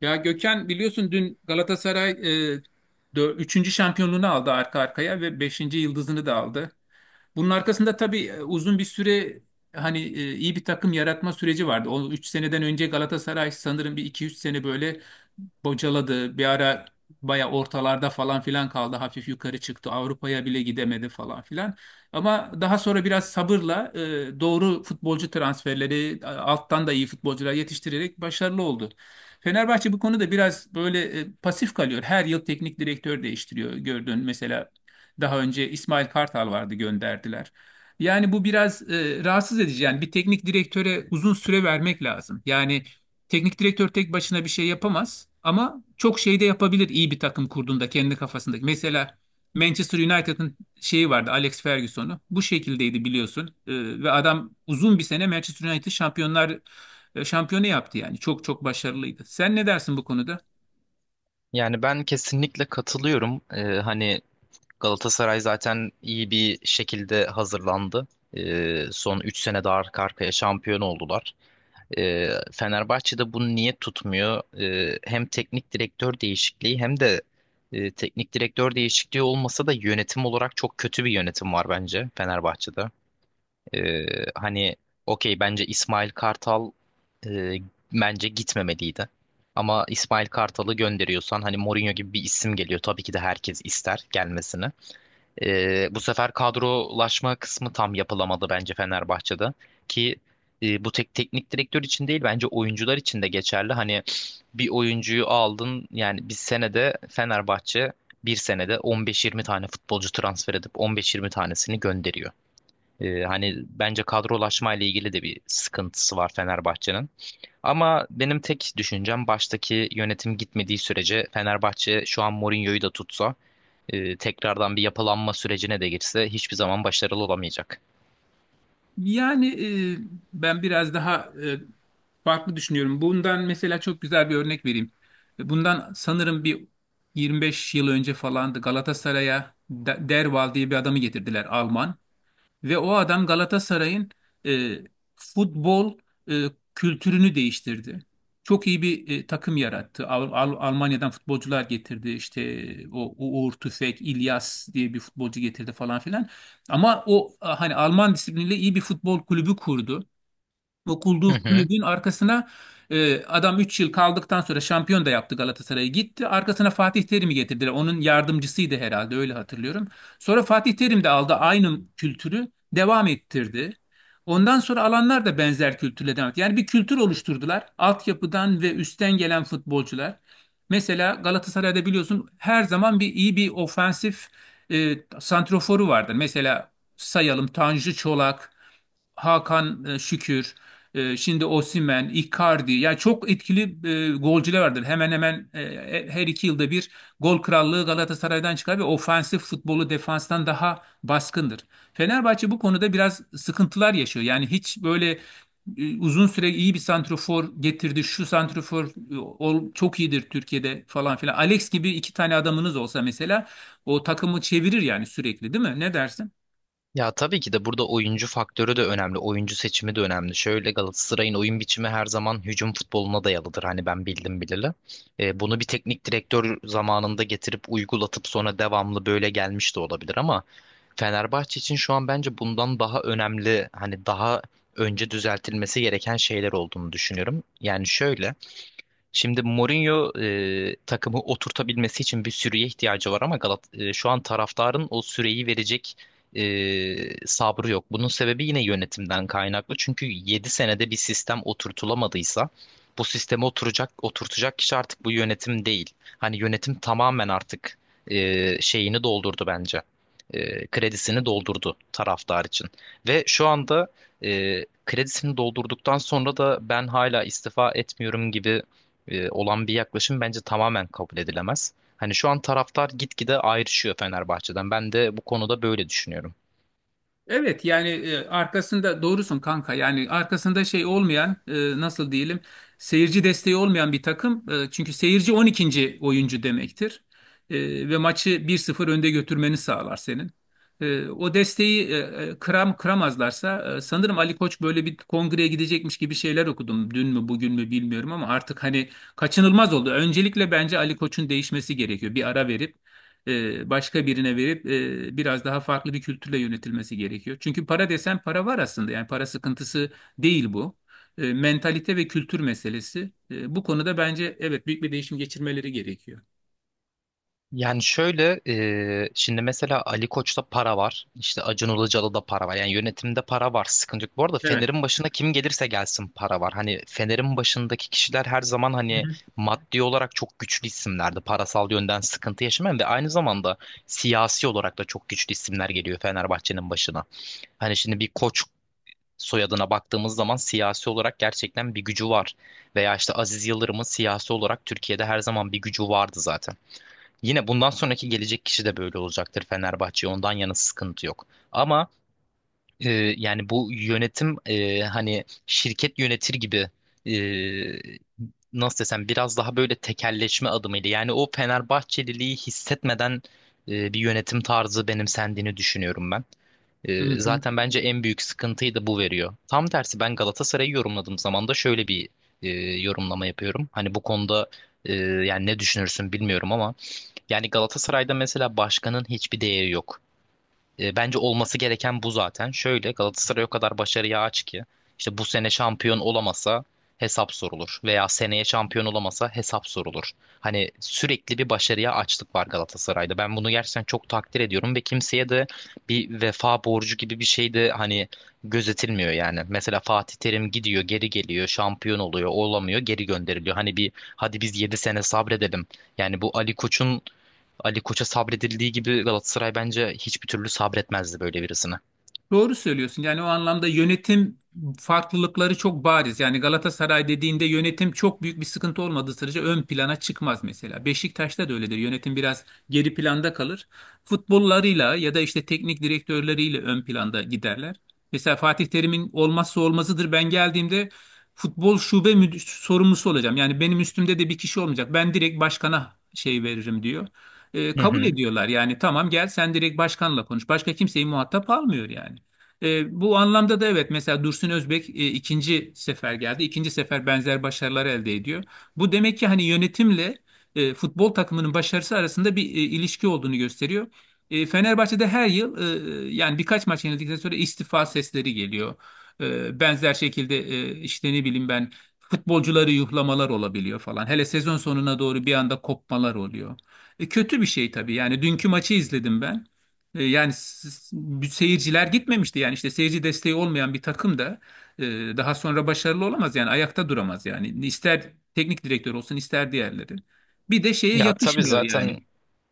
Ya Gökhan biliyorsun dün Galatasaray e, üçüncü şampiyonluğunu aldı arka arkaya ve beşinci yıldızını da aldı. Bunun arkasında tabii uzun bir süre hani iyi bir takım yaratma süreci vardı. O 3 seneden önce Galatasaray sanırım bir iki üç sene böyle bocaladı. Bir ara baya ortalarda falan filan kaldı. Hafif yukarı çıktı. Avrupa'ya bile gidemedi falan filan. Ama daha sonra biraz sabırla doğru futbolcu transferleri alttan da iyi futbolcular yetiştirerek başarılı oldu. Fenerbahçe bu konuda biraz böyle pasif kalıyor. Her yıl teknik direktör değiştiriyor gördün. Mesela daha önce İsmail Kartal vardı, gönderdiler. Yani bu biraz rahatsız edici. Yani bir teknik direktöre uzun süre vermek lazım. Yani teknik direktör tek başına bir şey yapamaz ama çok şey de yapabilir iyi bir takım kurduğunda kendi kafasındaki. Mesela Manchester United'ın şeyi vardı, Alex Ferguson'u. Bu şekildeydi biliyorsun. Ve adam uzun bir sene Manchester United şampiyonu yaptı yani. Çok çok başarılıydı. Sen ne dersin bu konuda? Yani ben kesinlikle katılıyorum. Galatasaray zaten iyi bir şekilde hazırlandı. Son 3 sene de arka arkaya şampiyon oldular. Fenerbahçe'de bunu niye tutmuyor? Hem teknik direktör değişikliği hem de teknik direktör değişikliği olmasa da yönetim olarak çok kötü bir yönetim var bence Fenerbahçe'de. Ee, hani okey bence İsmail Kartal e, bence gitmemeliydi. Ama İsmail Kartal'ı gönderiyorsan hani Mourinho gibi bir isim geliyor. Tabii ki de herkes ister gelmesini. Bu sefer kadrolaşma kısmı tam yapılamadı bence Fenerbahçe'de. Ki bu tek teknik direktör için değil bence oyuncular için de geçerli. Hani bir oyuncuyu aldın yani bir senede Fenerbahçe bir senede 15-20 tane futbolcu transfer edip 15-20 tanesini gönderiyor. Hani bence kadrolaşma ile ilgili de bir sıkıntısı var Fenerbahçe'nin. Ama benim tek düşüncem baştaki yönetim gitmediği sürece Fenerbahçe şu an Mourinho'yu da tutsa tekrardan bir yapılanma sürecine de girse hiçbir zaman başarılı olamayacak. Yani e, Ben biraz daha farklı düşünüyorum. Bundan mesela çok güzel bir örnek vereyim. Bundan sanırım bir 25 yıl önce falandı, Galatasaray'a Derwall diye bir adamı getirdiler, Alman. Ve o adam Galatasaray'ın e, futbol e, kültürünü değiştirdi. Çok iyi bir takım yarattı. Almanya'dan futbolcular getirdi. İşte o Uğur Tüfek, İlyas diye bir futbolcu getirdi falan filan. Ama hani Alman disipliniyle iyi bir futbol kulübü kurdu. Okulduğu Hı hı. kulübün arkasına adam 3 yıl kaldıktan sonra şampiyon da yaptı Galatasaray'ı, gitti. Arkasına Fatih Terim'i getirdiler. Onun yardımcısıydı herhalde, öyle hatırlıyorum. Sonra Fatih Terim de aldı, aynı kültürü devam ettirdi. Ondan sonra alanlar da benzer kültürle devam etti. Yani bir kültür oluşturdular. Altyapıdan ve üstten gelen futbolcular. Mesela Galatasaray'da biliyorsun her zaman bir iyi bir ofensif santroforu vardır. Mesela sayalım, Tanju Çolak, Hakan Şükür. Şimdi Osimhen, Icardi, yani çok etkili golcüler vardır. Hemen hemen her iki yılda bir gol krallığı Galatasaray'dan çıkar ve ofansif futbolu defanstan daha baskındır. Fenerbahçe bu konuda biraz sıkıntılar yaşıyor. Yani hiç böyle uzun süre iyi bir santrofor getirdi. Şu santrofor çok iyidir Türkiye'de falan filan. Alex gibi iki tane adamınız olsa mesela o takımı çevirir yani sürekli, değil mi? Ne dersin? Ya tabii ki de burada oyuncu faktörü de önemli, oyuncu seçimi de önemli. Şöyle Galatasaray'ın oyun biçimi her zaman hücum futboluna dayalıdır. Hani ben bildim bileli. Bunu bir teknik direktör zamanında getirip uygulatıp sonra devamlı böyle gelmiş de olabilir ama Fenerbahçe için şu an bence bundan daha önemli hani daha önce düzeltilmesi gereken şeyler olduğunu düşünüyorum. Yani şöyle, şimdi Mourinho takımı oturtabilmesi için bir süreye ihtiyacı var ama Galat şu an taraftarın o süreyi verecek e, sabrı yok. Bunun sebebi yine yönetimden kaynaklı. Çünkü 7 senede bir sistem oturtulamadıysa bu sisteme oturtacak kişi artık bu yönetim değil. Hani yönetim tamamen artık şeyini doldurdu bence. Kredisini doldurdu taraftar için. Ve şu anda kredisini doldurduktan sonra da ben hala istifa etmiyorum gibi olan bir yaklaşım bence tamamen kabul edilemez. Hani şu an taraftar gitgide ayrışıyor Fenerbahçe'den. Ben de bu konuda böyle düşünüyorum. Evet yani arkasında doğrusun kanka, yani arkasında şey olmayan, nasıl diyelim, seyirci desteği olmayan bir takım. Çünkü seyirci 12'nci oyuncu demektir. Ve maçı bir sıfır önde götürmeni sağlar senin. O desteği kıramazlarsa, sanırım Ali Koç böyle bir kongreye gidecekmiş gibi şeyler okudum, dün mü bugün mü bilmiyorum, ama artık hani kaçınılmaz oldu. Öncelikle bence Ali Koç'un değişmesi gerekiyor, bir ara verip başka birine verip biraz daha farklı bir kültürle yönetilmesi gerekiyor. Çünkü para desen para var aslında. Yani para sıkıntısı değil bu. Mentalite ve kültür meselesi. Bu konuda bence evet, büyük bir değişim geçirmeleri gerekiyor. Yani şöyle, şimdi mesela Ali Koç'ta para var. İşte Acun Ilıcalı'da da para var. Yani yönetimde para var. Sıkıntı yok. Bu arada Evet. Fener'in başına kim gelirse gelsin para var. Hani Fener'in başındaki kişiler her zaman Hı hani hı. maddi olarak çok güçlü isimlerdi. Parasal yönden sıkıntı yaşamayan ve aynı zamanda siyasi olarak da çok güçlü isimler geliyor Fenerbahçe'nin başına. Hani şimdi bir koç soyadına baktığımız zaman siyasi olarak gerçekten bir gücü var. Veya işte Aziz Yıldırım'ın siyasi olarak Türkiye'de her zaman bir gücü vardı zaten. Yine bundan sonraki gelecek kişi de böyle olacaktır Fenerbahçe'ye ondan yana sıkıntı yok. Ama ee, yani bu yönetim hani şirket yönetir gibi, e, nasıl desem biraz daha böyle tekelleşme adımıydı. Yani o Fenerbahçeliliği hissetmeden bir yönetim tarzı benimsendiğini düşünüyorum ben. Hı hı. Zaten bence en büyük sıkıntıyı da bu veriyor. Tam tersi ben Galatasaray'ı yorumladığım zaman da şöyle bir e, yorumlama yapıyorum. Hani bu konuda yani ne düşünürsün bilmiyorum ama yani Galatasaray'da mesela başkanın hiçbir değeri yok. Bence olması gereken bu zaten. Şöyle Galatasaray o kadar başarıya aç ki işte bu sene şampiyon olamasa hesap sorulur veya seneye şampiyon olamasa hesap sorulur. Hani sürekli bir başarıya açlık var Galatasaray'da. Ben bunu gerçekten çok takdir ediyorum ve kimseye de bir vefa borcu gibi bir şey de hani gözetilmiyor yani. Mesela Fatih Terim gidiyor, geri geliyor, şampiyon oluyor, olamıyor, geri gönderiliyor. Hani bir hadi biz 7 sene sabredelim. Yani bu Ali Koç'a sabredildiği gibi Galatasaray bence hiçbir türlü sabretmezdi böyle birisine. Doğru söylüyorsun. Yani o anlamda yönetim farklılıkları çok bariz. Yani Galatasaray dediğinde yönetim çok büyük bir sıkıntı olmadığı sürece ön plana çıkmaz mesela. Beşiktaş'ta da öyledir. Yönetim biraz geri planda kalır. Futbollarıyla ya da işte teknik direktörleriyle ön planda giderler. Mesela Fatih Terim'in olmazsa olmazıdır. Ben geldiğimde futbol şube müdür, sorumlusu olacağım. Yani benim üstümde de bir kişi olmayacak. Ben direkt başkana şey veririm diyor. Hı Kabul hı. ediyorlar yani, tamam gel sen direkt başkanla konuş. Başka kimseyi muhatap almıyor yani. Bu anlamda da evet, mesela Dursun Özbek ikinci sefer geldi. İkinci sefer benzer başarılar elde ediyor. Bu demek ki hani yönetimle futbol takımının başarısı arasında bir ilişki olduğunu gösteriyor. Fenerbahçe'de her yıl yani birkaç maç yenildikten sonra istifa sesleri geliyor. Benzer şekilde işte ne bileyim ben, futbolcuları yuhlamalar olabiliyor falan. Hele sezon sonuna doğru bir anda kopmalar oluyor. Kötü bir şey tabii. Yani dünkü maçı izledim ben. Yani bu seyirciler gitmemişti yani, işte seyirci desteği olmayan bir takım da e, daha sonra başarılı olamaz yani, ayakta duramaz yani, ister teknik direktör olsun ister diğerleri. Bir de şeye Ya tabii yakışmıyor zaten yani.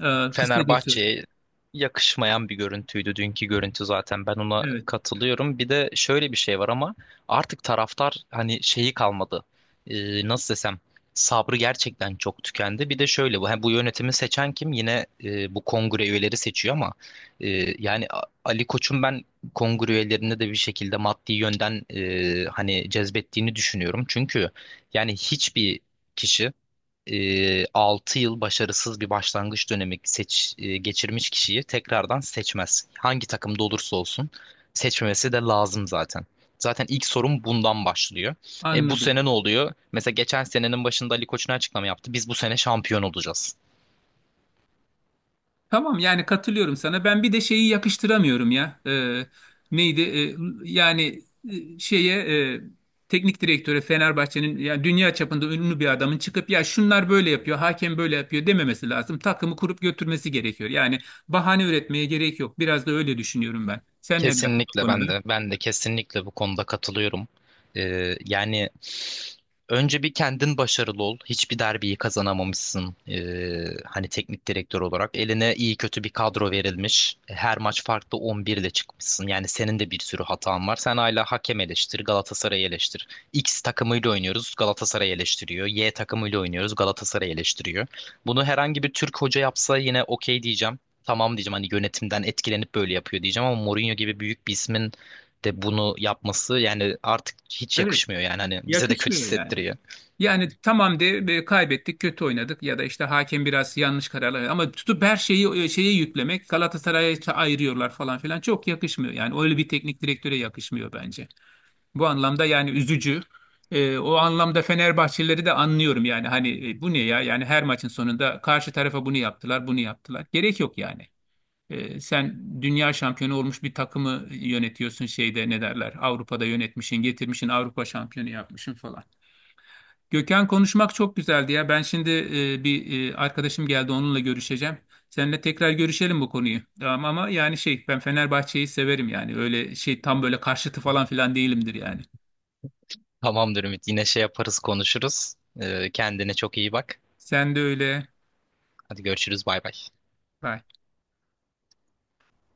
Kısacası Fenerbahçe'ye yakışmayan bir görüntüydü dünkü görüntü zaten. Ben ona evet, katılıyorum. Bir de şöyle bir şey var ama artık taraftar hani şeyi kalmadı. Nasıl desem sabrı gerçekten çok tükendi. Bir de şöyle bu ha, bu yönetimi seçen kim? Yine bu kongre üyeleri seçiyor ama e, yani Ali Koç'un ben kongre üyelerinde de bir şekilde maddi yönden hani cezbettiğini düşünüyorum. Çünkü yani hiçbir kişi 6 yıl başarısız bir başlangıç dönemi geçirmiş kişiyi tekrardan seçmez. Hangi takımda olursa olsun seçmemesi de lazım zaten. Zaten ilk sorun bundan başlıyor. E, bu anladım. sene ne oluyor? Mesela geçen senenin başında Ali Koç'un açıklama yaptı. Biz bu sene şampiyon olacağız. Tamam yani, katılıyorum sana. Ben bir de şeyi yakıştıramıyorum ya. Neydi? Yani Şeye e, teknik direktöre, Fenerbahçe'nin ya dünya çapında ünlü bir adamın çıkıp ya şunlar böyle yapıyor, hakem böyle yapıyor dememesi lazım. Takımı kurup götürmesi gerekiyor. Yani bahane üretmeye gerek yok. Biraz da öyle düşünüyorum ben. Sen ne dersin bu Kesinlikle konuda? ben de kesinlikle bu konuda katılıyorum. Yani önce bir kendin başarılı ol. Hiçbir derbiyi kazanamamışsın. Hani teknik direktör olarak eline iyi kötü bir kadro verilmiş. Her maç farklı 11 ile çıkmışsın. Yani senin de bir sürü hatan var. Sen hala hakem eleştir, Galatasaray'ı eleştir. X takımıyla oynuyoruz, Galatasaray eleştiriyor. Y takımıyla oynuyoruz, Galatasaray eleştiriyor. Bunu herhangi bir Türk hoca yapsa yine okey diyeceğim, tamam diyeceğim, hani yönetimden etkilenip böyle yapıyor diyeceğim ama Mourinho gibi büyük bir ismin de bunu yapması yani artık hiç Evet, yakışmıyor yani hani bize de kötü yakışmıyor yani. hissettiriyor. Yani tamam de, kaybettik, kötü oynadık ya da işte hakem biraz yanlış kararlar verdi, ama tutup her şeyi şeye yüklemek, Galatasaray'a ayırıyorlar falan filan, çok yakışmıyor. Yani öyle bir teknik direktöre yakışmıyor bence. Bu anlamda yani üzücü. O anlamda Fenerbahçelileri de anlıyorum yani, hani bu ne ya yani, her maçın sonunda karşı tarafa bunu yaptılar, bunu yaptılar. Gerek yok yani. Sen dünya şampiyonu olmuş bir takımı yönetiyorsun, şeyde ne derler, Avrupa'da yönetmişsin, getirmişsin, Avrupa şampiyonu yapmışsın falan. Gökhan konuşmak çok güzeldi ya. Ben şimdi arkadaşım geldi, onunla görüşeceğim. Seninle tekrar görüşelim bu konuyu. Tamam ama yani şey, ben Fenerbahçe'yi severim yani. Öyle şey tam böyle karşıtı falan filan değilimdir yani. Tamamdır Ümit, yine şey yaparız konuşuruz. Kendine çok iyi bak. Sen de öyle. Hadi görüşürüz, bay bay. Bye.